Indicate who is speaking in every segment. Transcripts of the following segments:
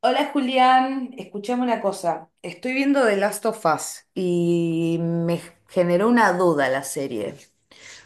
Speaker 1: Hola Julián, escuchame una cosa. Estoy viendo The Last of Us y me generó una duda la serie.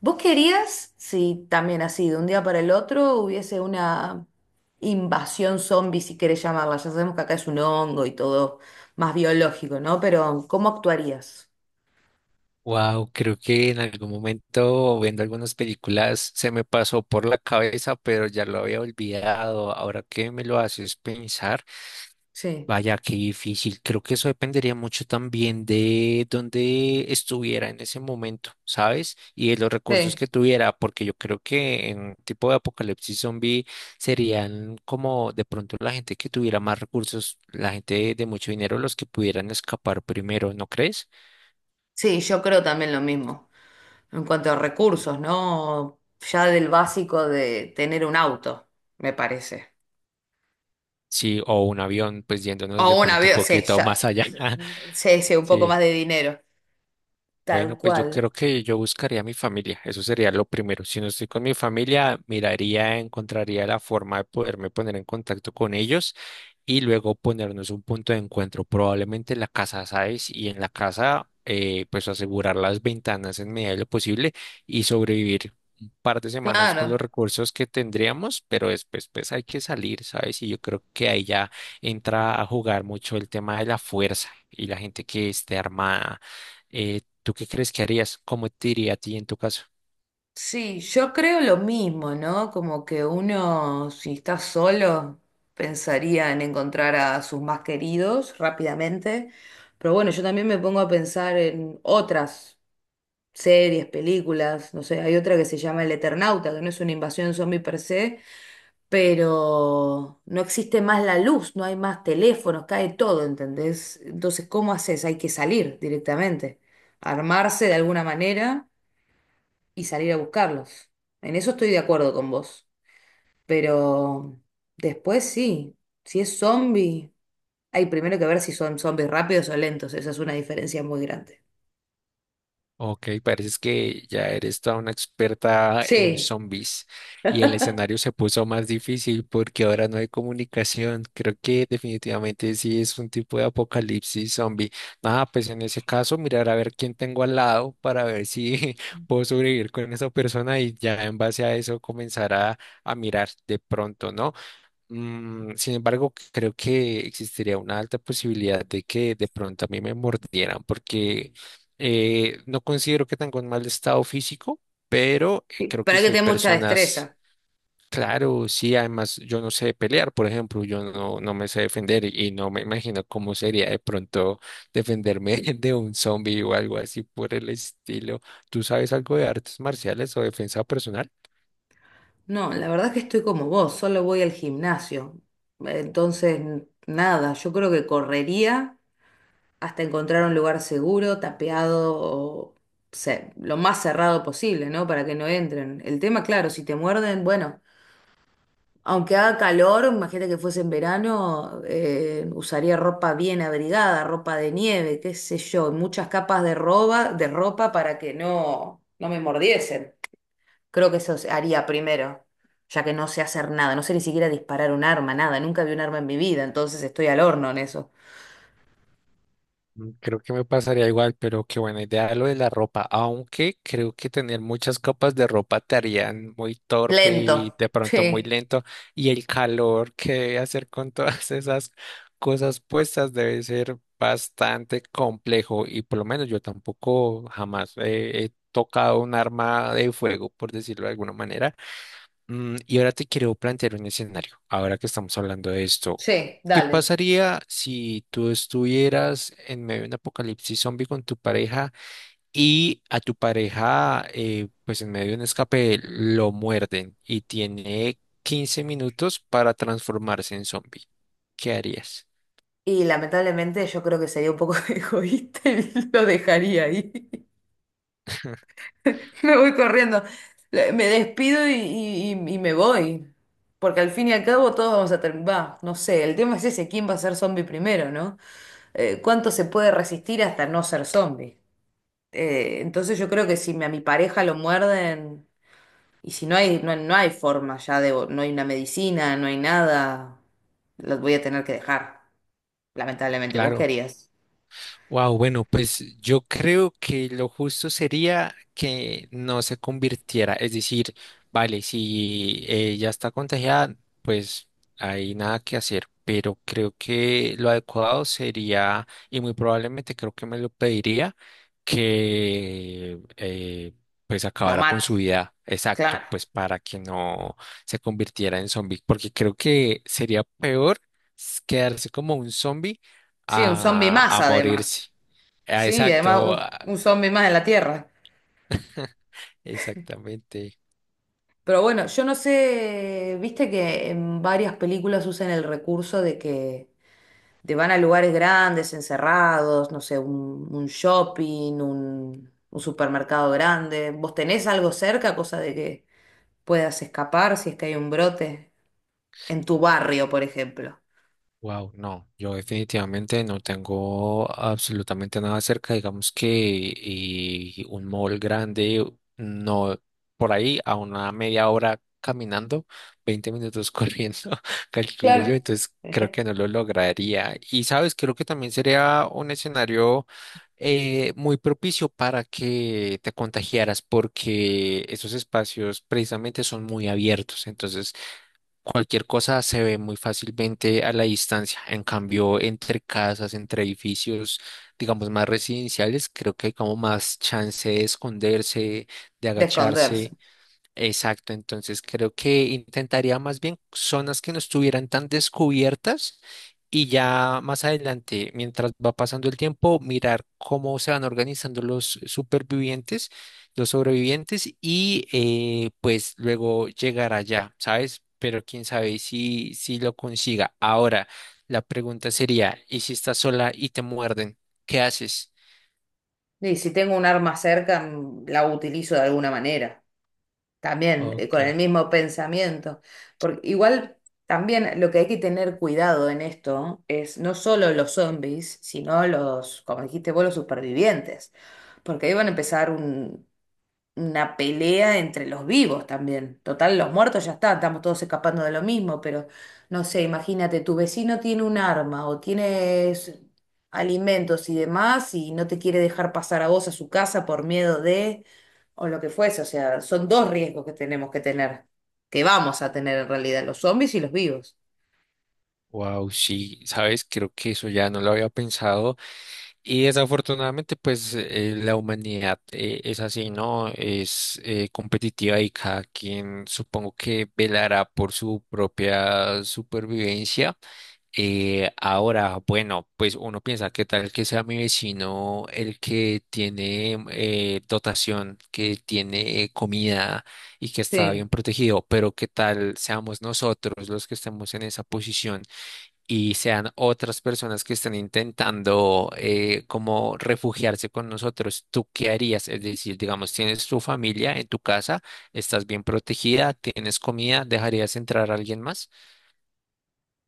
Speaker 1: ¿Vos querías, si también así, de un día para el otro hubiese una invasión zombie, si querés llamarla? Ya sabemos que acá es un hongo y todo más biológico, ¿no? Pero ¿cómo actuarías?
Speaker 2: Wow, creo que en algún momento viendo algunas películas se me pasó por la cabeza, pero ya lo había olvidado. Ahora que me lo haces pensar,
Speaker 1: Sí.
Speaker 2: vaya, qué difícil. Creo que eso dependería mucho también de dónde estuviera en ese momento, ¿sabes? Y de los recursos
Speaker 1: Sí,
Speaker 2: que tuviera, porque yo creo que en tipo de apocalipsis zombie serían como de pronto la gente que tuviera más recursos, la gente de mucho dinero, los que pudieran escapar primero, ¿no crees?
Speaker 1: sí, yo creo también lo mismo. En cuanto a recursos, ¿no? Ya del básico de tener un auto, me parece.
Speaker 2: Sí, o un avión, pues
Speaker 1: O
Speaker 2: yéndonos de
Speaker 1: un
Speaker 2: pronto un
Speaker 1: avión, sí,
Speaker 2: poquito
Speaker 1: ya.
Speaker 2: más allá.
Speaker 1: Sí, sí, un poco más
Speaker 2: Sí.
Speaker 1: de dinero. Tal
Speaker 2: Bueno, pues yo
Speaker 1: cual.
Speaker 2: creo que yo buscaría a mi familia, eso sería lo primero. Si no estoy con mi familia, miraría, encontraría la forma de poderme poner en contacto con ellos y luego ponernos un punto de encuentro, probablemente en la casa, ¿sabes? Y en la casa, pues asegurar las ventanas en medida de lo posible y sobrevivir un par de semanas con los
Speaker 1: Claro.
Speaker 2: recursos que tendríamos, pero después pues hay que salir, ¿sabes? Y yo creo que ahí ya entra a jugar mucho el tema de la fuerza y la gente que esté armada. ¿Tú qué crees que harías? ¿Cómo te iría a ti en tu caso?
Speaker 1: Sí, yo creo lo mismo, ¿no? Como que uno, si está solo, pensaría en encontrar a sus más queridos rápidamente. Pero bueno, yo también me pongo a pensar en otras series, películas. No sé, hay otra que se llama El Eternauta, que no es una invasión zombie per se, pero no existe más la luz, no hay más teléfonos, cae todo, ¿entendés? Entonces, ¿cómo haces? Hay que salir directamente, armarse de alguna manera y salir a buscarlos. En eso estoy de acuerdo con vos, pero después sí, si es zombie, hay primero que ver si son zombies rápidos o lentos, esa es una diferencia muy grande.
Speaker 2: Ok, pareces que ya eres toda una experta en
Speaker 1: Sí,
Speaker 2: zombies y el escenario se puso más difícil porque ahora no hay comunicación. Creo que definitivamente sí es un tipo de apocalipsis zombie. Nada, pues en ese caso mirar a ver quién tengo al lado para ver si puedo sobrevivir con esa persona y ya en base a eso comenzar a mirar de pronto, ¿no? Mm, sin embargo, creo que existiría una alta posibilidad de que de pronto a mí me mordieran, porque no considero que tenga un mal estado físico, pero
Speaker 1: sí,
Speaker 2: creo que
Speaker 1: pero hay que
Speaker 2: si hay
Speaker 1: tener mucha
Speaker 2: personas,
Speaker 1: destreza.
Speaker 2: claro, sí, además yo no sé pelear, por ejemplo, yo no me sé defender y no me imagino cómo sería de pronto defenderme de un zombie o algo así por el estilo. ¿Tú sabes algo de artes marciales o defensa personal?
Speaker 1: No, la verdad que estoy como vos, solo voy al gimnasio. Entonces, nada, yo creo que correría hasta encontrar un lugar seguro, tapeado o lo más cerrado posible, ¿no? Para que no entren. El tema, claro, si te muerden, bueno, aunque haga calor, imagínate que fuese en verano, usaría ropa bien abrigada, ropa de nieve, qué sé yo, muchas capas de ropa para que no me mordiesen. Creo que eso se haría primero, ya que no sé hacer nada, no sé ni siquiera disparar un arma, nada, nunca vi un arma en mi vida, entonces estoy al horno en eso.
Speaker 2: Mm, creo que me pasaría igual, pero qué buena idea lo de la ropa, aunque creo que tener muchas copas de ropa te harían muy torpe y
Speaker 1: Lento.
Speaker 2: de pronto muy
Speaker 1: Sí,
Speaker 2: lento, y el calor que hacer con todas esas cosas puestas debe ser bastante complejo y por lo menos yo tampoco jamás he tocado un arma de fuego, por decirlo de alguna manera. Mm, y ahora te quiero plantear un escenario, ahora que estamos hablando de esto.
Speaker 1: sí,
Speaker 2: ¿Qué
Speaker 1: dale.
Speaker 2: pasaría si tú estuvieras en medio de un apocalipsis zombie con tu pareja y a tu pareja, pues en medio de un escape, lo muerden y tiene 15 minutos para transformarse en zombie? ¿Qué harías?
Speaker 1: Y lamentablemente yo creo que sería un poco egoísta y lo dejaría ahí. Me voy corriendo, me despido y me voy. Porque al fin y al cabo todos vamos a terminar, va, no sé, el tema es ese, ¿quién va a ser zombie primero, no? ¿Cuánto se puede resistir hasta no ser zombie? Entonces yo creo que si a mi pareja lo muerden, y si no hay, no hay forma ya de, no hay una medicina, no hay nada, los voy a tener que dejar, lamentablemente. ¿Vos
Speaker 2: Claro.
Speaker 1: querías?
Speaker 2: Wow, bueno, pues yo creo que lo justo sería que no se convirtiera, es decir, vale, si ya está contagiada, pues hay nada que hacer, pero creo que lo adecuado sería, y muy probablemente creo que me lo pediría, que pues
Speaker 1: Lo
Speaker 2: acabara con
Speaker 1: mate,
Speaker 2: su vida, exacto,
Speaker 1: claro.
Speaker 2: pues para que no se convirtiera en zombie, porque creo que sería peor quedarse como un zombie
Speaker 1: Sí, un zombie más
Speaker 2: a
Speaker 1: además.
Speaker 2: morirse. Ah,
Speaker 1: Sí, y además
Speaker 2: exacto, a-
Speaker 1: un zombie más en la Tierra.
Speaker 2: exactamente.
Speaker 1: Pero bueno, yo no sé, viste que en varias películas usan el recurso de que te van a lugares grandes, encerrados, no sé, un shopping, un supermercado grande. ¿Vos tenés algo cerca, cosa de que puedas escapar si es que hay un brote? En tu barrio, por ejemplo.
Speaker 2: Wow, no, yo definitivamente no tengo absolutamente nada cerca, digamos que y un mall grande, no, por ahí a una media hora caminando, 20 minutos corriendo, calculo yo,
Speaker 1: Claro.
Speaker 2: entonces creo que no lo lograría. Y sabes, creo que también sería un escenario muy propicio para que te contagiaras porque esos espacios precisamente son muy abiertos, entonces cualquier cosa se ve muy fácilmente a la distancia. En cambio, entre casas, entre edificios, digamos, más residenciales, creo que hay como más chance de esconderse, de
Speaker 1: De esconderse.
Speaker 2: agacharse. Exacto, entonces creo que intentaría más bien zonas que no estuvieran tan descubiertas y ya más adelante, mientras va pasando el tiempo, mirar cómo se van organizando los supervivientes, los sobrevivientes y pues luego llegar allá, ¿sabes? Pero quién sabe si, si lo consiga. Ahora, la pregunta sería, ¿y si estás sola y te muerden? ¿Qué haces?
Speaker 1: Y si tengo un arma cerca, la utilizo de alguna manera. También,
Speaker 2: Ok,
Speaker 1: con el mismo pensamiento. Porque igual también lo que hay que tener cuidado en esto es no solo los zombies, sino los, como dijiste vos, los supervivientes. Porque ahí van a empezar una pelea entre los vivos también. Total, los muertos ya están, estamos todos escapando de lo mismo, pero no sé, imagínate, tu vecino tiene un arma o tienes alimentos y demás y no te quiere dejar pasar a vos a su casa por miedo de, o lo que fuese, o sea, son dos riesgos que tenemos que tener, que vamos a tener en realidad, los zombies y los vivos.
Speaker 2: wow, sí, sabes, creo que eso ya no lo había pensado. Y desafortunadamente, pues la humanidad es así, ¿no? Es competitiva y cada quien supongo que velará por su propia supervivencia. Ahora, bueno, pues uno piensa, ¿qué tal que sea mi vecino el que tiene dotación, que tiene comida y que está
Speaker 1: Sí.
Speaker 2: bien protegido? Pero ¿qué tal seamos nosotros los que estemos en esa posición? Y sean otras personas que están intentando como refugiarse con nosotros, ¿tú qué harías? Es decir, digamos, tienes tu familia en tu casa, estás bien protegida, tienes comida, ¿dejarías entrar a alguien más?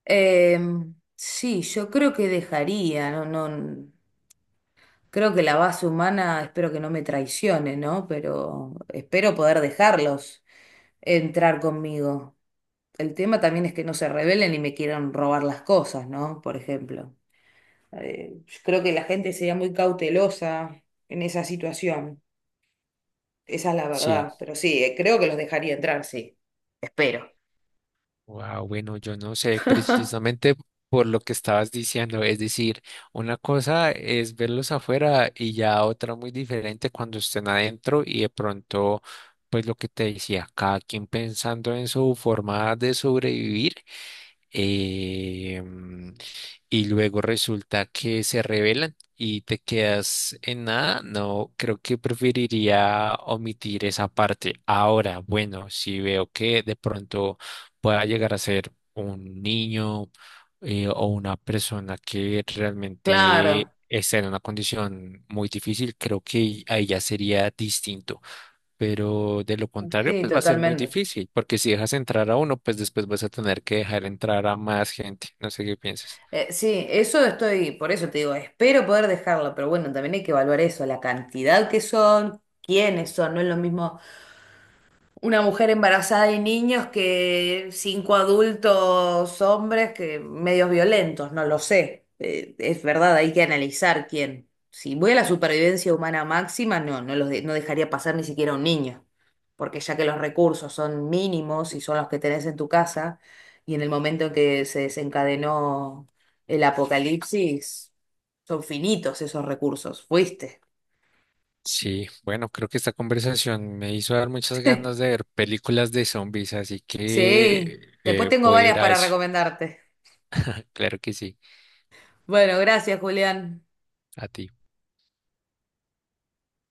Speaker 1: Sí, yo creo que dejaría, no, no. Creo que la base humana, espero que no me traicione, ¿no? Pero espero poder dejarlos entrar conmigo. El tema también es que no se rebelen y me quieran robar las cosas, ¿no? Por ejemplo. Yo creo que la gente sería muy cautelosa en esa situación. Esa es la
Speaker 2: Sí,
Speaker 1: verdad. Pero sí, creo que los dejaría entrar, sí. Espero.
Speaker 2: wow, bueno, yo no sé precisamente por lo que estabas diciendo, es decir, una cosa es verlos afuera y ya otra muy diferente cuando estén adentro y de pronto, pues lo que te decía, cada quien pensando en su forma de sobrevivir. eh, mm, y luego resulta que se revelan y te quedas en nada, no, creo que preferiría omitir esa parte. Ahora, bueno, si veo que de pronto pueda llegar a ser un niño o una persona que
Speaker 1: Claro,
Speaker 2: realmente está en una condición muy difícil, creo que ahí ya sería distinto, pero de lo contrario,
Speaker 1: sí,
Speaker 2: pues va a ser muy
Speaker 1: totalmente.
Speaker 2: difícil, porque si dejas entrar a uno, pues después vas a tener que dejar entrar a más gente. No sé qué piensas.
Speaker 1: Sí, eso estoy, por eso te digo, espero poder dejarlo, pero bueno, también hay que evaluar eso, la cantidad que son, quiénes son, no es lo mismo una mujer embarazada y niños que cinco adultos hombres que medios violentos, no lo sé. Es verdad, hay que analizar quién. Si voy a la supervivencia humana máxima, no, no dejaría pasar ni siquiera a un niño, porque ya que los recursos son mínimos y son los que tenés en tu casa, y en el momento en que se desencadenó el apocalipsis, son finitos esos recursos. Fuiste.
Speaker 2: Sí, bueno, creo que esta conversación me hizo dar muchas ganas de ver películas de zombies, así
Speaker 1: Sí,
Speaker 2: que
Speaker 1: después tengo
Speaker 2: voy a
Speaker 1: varias
Speaker 2: ir a
Speaker 1: para
Speaker 2: eso.
Speaker 1: recomendarte.
Speaker 2: Claro que sí,
Speaker 1: Bueno, gracias, Julián.
Speaker 2: a ti.